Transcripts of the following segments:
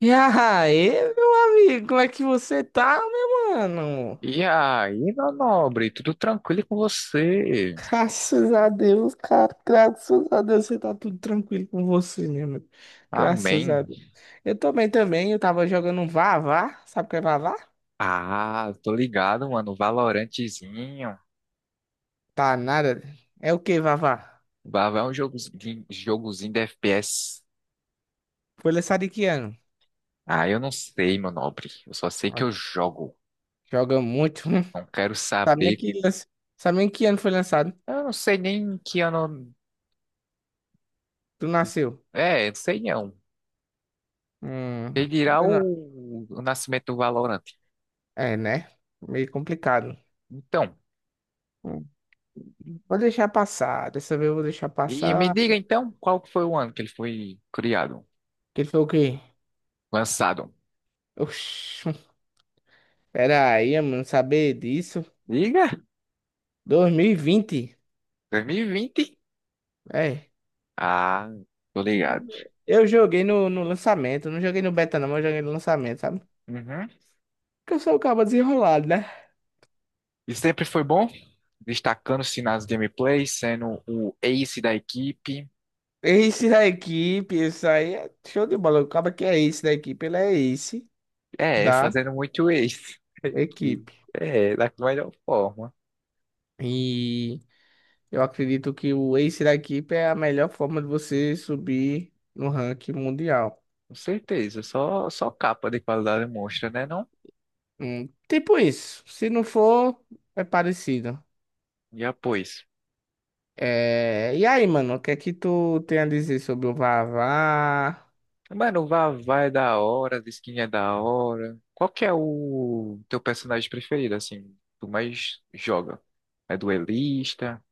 E aí, meu amigo, como é que você tá, meu mano? E aí, meu nobre, tudo tranquilo com você? Graças a Deus, cara. Graças a Deus, você tá tudo tranquilo com você, meu amigo. Graças Amém. a Deus. Eu tô bem também, eu tava jogando um Vavá. Sabe o que é Vavá? Ah, tô ligado, mano. Valorantezinho. Tá nada. É o que, Vavá? Vai é um jogozinho, jogozinho de FPS. Foi lançado em que ano? Ah, eu não sei, meu nobre. Eu só sei Ó, que eu jogo. joga muito. Hum. Não quero Sabe nem saber. que, lan- Sabe nem que ano foi lançado? Eu não sei nem que ano. Tu nasceu. É, não sei não. Hum, Ele dirá eu não- o nascimento do Valorant. É, né? Meio complicado. Então, Hum, Vou deixar passar. Dessa vez eu vou deixar e me passar. diga então, qual que foi o ano que ele foi criado? Que ele falou o quê? Lançado? Oxi, pera aí, eu não saber disso. Diga, 2020. 2020. É. Ah, tô ligado. Eu joguei no lançamento, não joguei no beta não, mas eu joguei no lançamento, sabe? Uhum. Porque eu sou o cabo desenrolado, né? E sempre foi bom, destacando-se nas gameplays, sendo o ace da equipe. Ace da equipe, isso aí é show de bola. O cabo que é ace da equipe, ele é ace É, da fazendo muito ace. E, equipe. é, da melhor forma. E eu acredito que o ace da equipe é a melhor forma de você subir no ranking mundial. Com certeza. Só capa de qualidade mostra, né, não? Tipo isso. Se não for, é parecido. E após. É, e aí, mano, o que é que tu tem a dizer sobre o Vavá? Mano, o Vavá é da hora, a skin é da hora. Qual que é o teu personagem preferido, assim? Tu mais joga? É duelista?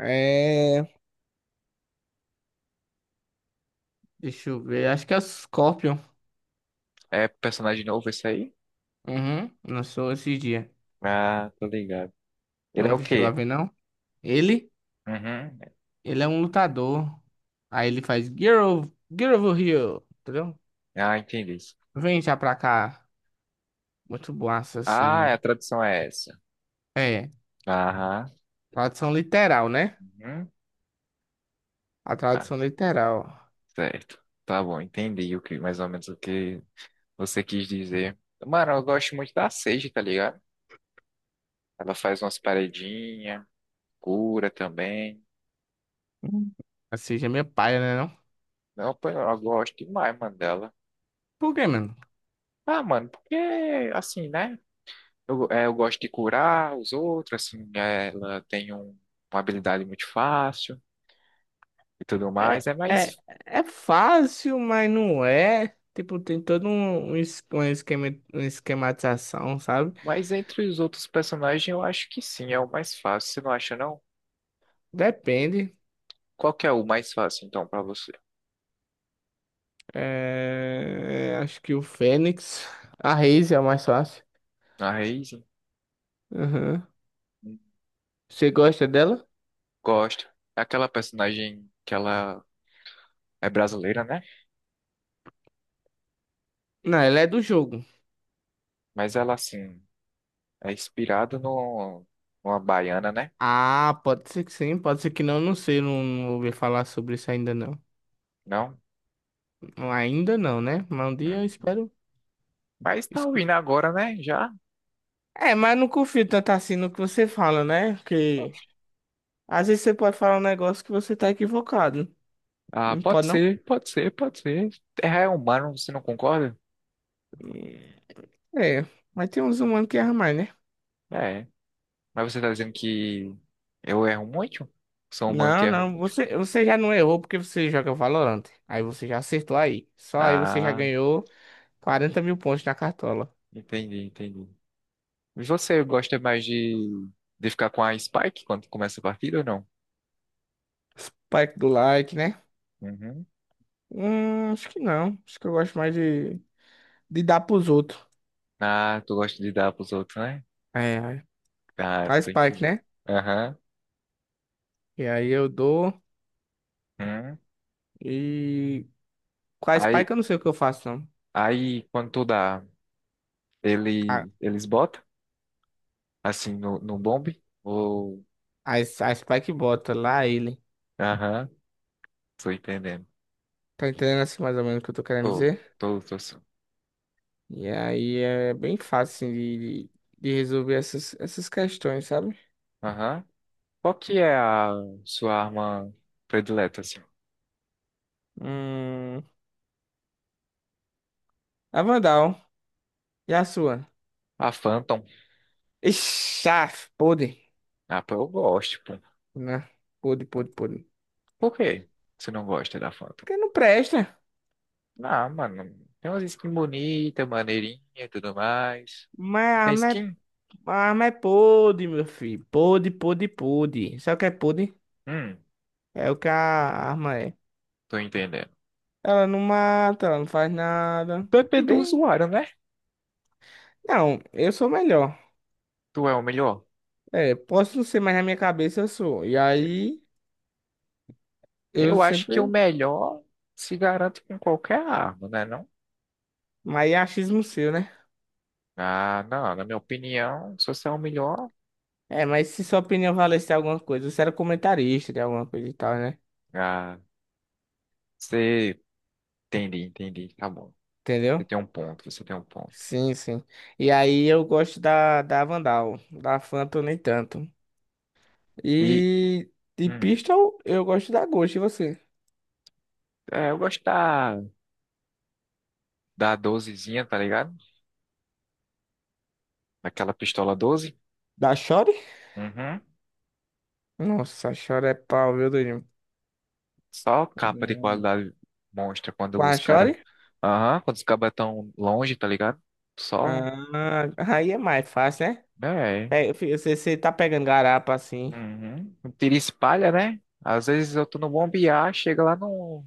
É, deixa eu ver, acho que é o Scorpion. É personagem novo esse aí? Uhum, lançou esse dia. Ah, tô ligado. Ele é Não o chegou a quê? ver, não? Ele, Uhum. ele é um lutador. Aí ele faz Girl, Girl over here, entendeu? Ah, entendi. Vem já pra cá. Muito boaça, Ah, é, assim. a tradução é essa. É, Aham. tradução literal, né? Uhum. A Ah, tradução literal. certo. Tá bom, entendi o que, mais ou menos o que você quis dizer. Mano, eu gosto muito da Sage, tá ligado? Ela faz umas paredinhas, cura também. Hum. Assim, já é minha paia, né, não? Não, pô, eu gosto demais, mano, dela. Por quê, mano? Ah, mano, porque, assim, né? Eu, é, eu gosto de curar os outros, assim, né? Ela tem um- uma habilidade muito fácil e tudo É, mais. É é, mais. é fácil, mas não é. Tipo, tem todo um esquema, uma esquematização, sabe? Mas entre os outros personagens, eu acho que sim, é o mais fácil. Você não acha, não? Depende. Qual que é o mais fácil, então, pra você? É, acho que o Fênix. A Raze é a mais fácil. A Raízen? Uhum. Hum, Você gosta dela? Gosto. É aquela personagem que ela é brasileira, né? Não, ela é do jogo. Mas ela, assim, é inspirada no, numa baiana, né? Ah, pode ser que sim, pode ser que não, não sei, não, não ouvi falar sobre isso ainda não. Não? Ainda não, né? Mas um dia eu Uhum. espero Mas tá escutar. ouvindo agora, né? Já? É, mas não confio tanto assim no que você fala, né? Porque às vezes você pode falar um negócio que você tá equivocado. Ah, Não pode pode, não? ser, pode ser, pode ser. Terra é humano, você não concorda? É. Mas tem uns humanos que erram mais, né? É. Mas você tá dizendo que eu erro muito? Sou um humano que Não, erro não. muito? Você já não errou porque você joga Valorant. Aí você já acertou aí. Só aí você já Ah, ganhou 40 mil pontos na cartola. entendi, entendi. E você gosta mais de ficar com a Spike quando começa a partida ou não? Spike do like, né? Uhum. Acho que não. Acho que eu gosto mais de dar pros outros. Ah, tu gosta de dar pros outros, né? É, é. Ah, A tô Spike, entendendo. né? Aham. E aí eu dou. Uhum. E com a Spike Aí, eu não sei o que eu faço, não. aí, quando tu dá, A, ele, eles botam, assim, no, no bombe? Ou... a Spike bota lá ele. Aham, tô entendendo. Tá entendendo assim mais ou menos o que eu tô querendo Tô, dizer? tô, tô. Sim. E aí é bem fácil assim, de de resolver essas questões, sabe? Aham. Qual que é a sua arma predileta, assim? Hum, a Vandal, e a sua? A Phantom? Ixi, ah, podre, Ah, pô, eu gosto, pô. né? Podre, podre, podre. Por quê? Você não gosta da Phantom? Porque não presta. Ah, mano, tem umas skins bonitas, maneirinha e tudo mais. Mas a Tem arma é, skin? a arma é podre, meu filho. Podre, podre, podre. Sabe o que é podre? Hum, É o que a arma é. Tô entendendo. Ela não mata, ela não faz nada. PP do Bem, usuário, né? não, eu sou melhor. Tu é o melhor? É, posso não ser, mas na minha cabeça eu sou. E aí, eu Eu acho que o sempre. melhor se garante com qualquer arma, né, não? Mas é achismo seu, né? Ah, não, na minha opinião, se você é o melhor, É, mas se sua opinião valesse alguma coisa, você era comentarista de alguma coisa e tal, né? ah, você... Entendi, entendi, tá bom. Você Entendeu? tem um ponto, você tem um ponto. Sim, sim. E aí eu gosto da Vandal, da Phantom nem tanto. E, E de hum, Pistol eu gosto da Ghost, e você? Eu gosto da, da 12, tá ligado? Aquela pistola doze. Da Shore? Uhum. Nossa, a Shore é pau, viu, Durinho? Só capa de Hum. qualidade monstra Com quando os a caras. Shore? Aham, quando os cabas tão longe, tá ligado? Só. Ah, aí é mais fácil, né? É. É, você tá pegando garapa assim. Uhum. Um tiro espalha, né? Às vezes eu tô no bombear, chega lá no,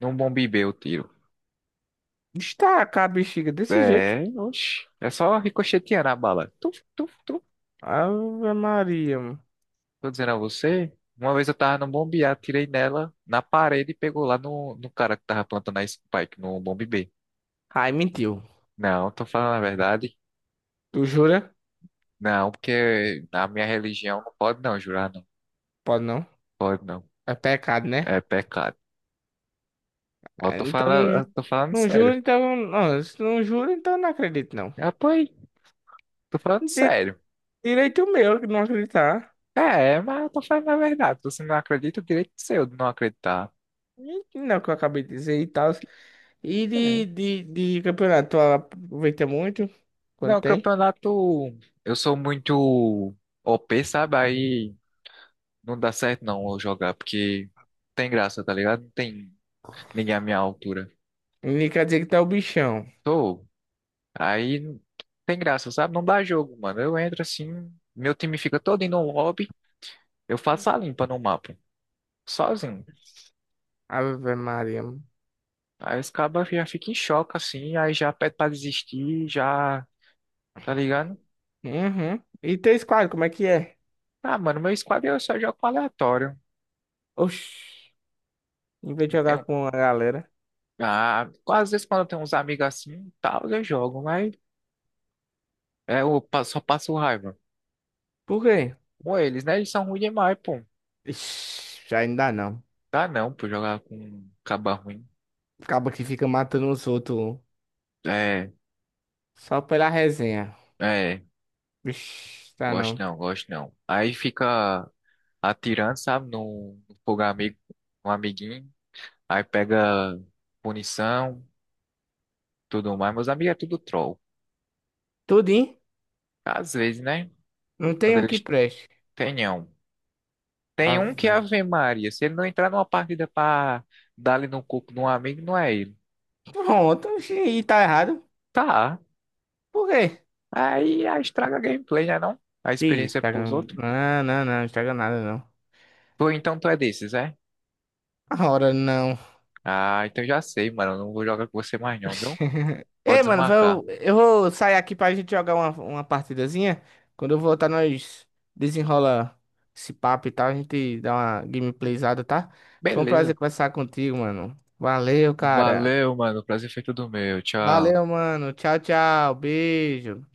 no bombibê o tiro. Destaca a bexiga desse jeito. É, oxe. É só ricochetear na bala. Tuf, tuf, tuf. Ave Maria, mano. Tô dizendo a você. Uma vez eu tava no bombear, tirei nela na parede e pegou lá no, no cara que tava plantando a spike no bombe B. Ai, mentiu. Não, tô falando a verdade. Tu jura? Não, porque na minha religião não pode não jurar. Pode não. Pode não. É pecado, né? É pecado. Ah, então não, Eu tô falando não sério. juro, então. Não, se não juro, então não acredito, não. Ah, pô, aí, tô falando Di- sério. Direito meu que não acreditar. É, mas eu tô falando a verdade. Então, você não acredita, o direito é seu de não acreditar. E que Não, é o que eu acabei de dizer e tal. E É. de campeonato, tu aproveita muito quando Não, tem. campeonato. Eu sou muito OP, sabe? Aí não dá certo não eu jogar, porque tem graça, tá ligado? Não tem ninguém à minha altura. E quer dizer que tá o bichão. Tô. Aí não tem graça, sabe? Não dá jogo, mano. Eu entro assim, meu time fica todo indo no lobby, eu faço a limpa no mapa, sozinho. Ave Maria. Aí os cabas já ficam em choque, assim, aí já pede pra desistir, já, tá ligado? Uhum. E teu squad, como é que é? Ah, mano, meu squad eu só jogo com aleatório. Oxi. Em vez de Não jogar tenho. com a galera. Ah, às vezes quando eu tenho uns amigos assim, tal, eu jogo, mas é, eu pa- só passo raiva. Por quê? Com eles, né? Eles são ruins demais, pô. Ixi, ainda não. Dá não, pô, jogar com um caba ruim. Acaba que fica matando os outros. Um. É, Só pela resenha. é, Vixe, tá gosto não. não, gosto não. Aí fica atirando, sabe, no no fogo amigo, um amiguinho, aí pega punição, tudo mais. Meus amigos é tudo troll. Tudo, hein? Às vezes, né? Não tem Quando um que eles preste. tenham. Tem Ah, um que é vai. Ave Maria. Se ele não entrar numa partida pra dar ali no coco de um amigo, não é ele. Pronto, oxi, e tá errado. Tá. Por quê? Aí, aí estraga a gameplay, né não? A Ih, experiência Instagram. pros outros. Não, não, não, Instagram nada não. Tu, então tu é desses, é? Ora, não. Ah, então já sei, mano. Eu não vou jogar com você mais não, viu? Ei, Pode mano, desmarcar. Eu vou sair aqui pra gente jogar uma partidazinha. Quando eu voltar, nós desenrola esse papo e tal. A gente dá uma gameplayzada, tá? Foi um Beleza. prazer conversar contigo, mano. Valeu, cara. Valeu, mano. O prazer foi todo meu. Tchau. Valeu, mano. Tchau, tchau. Beijo.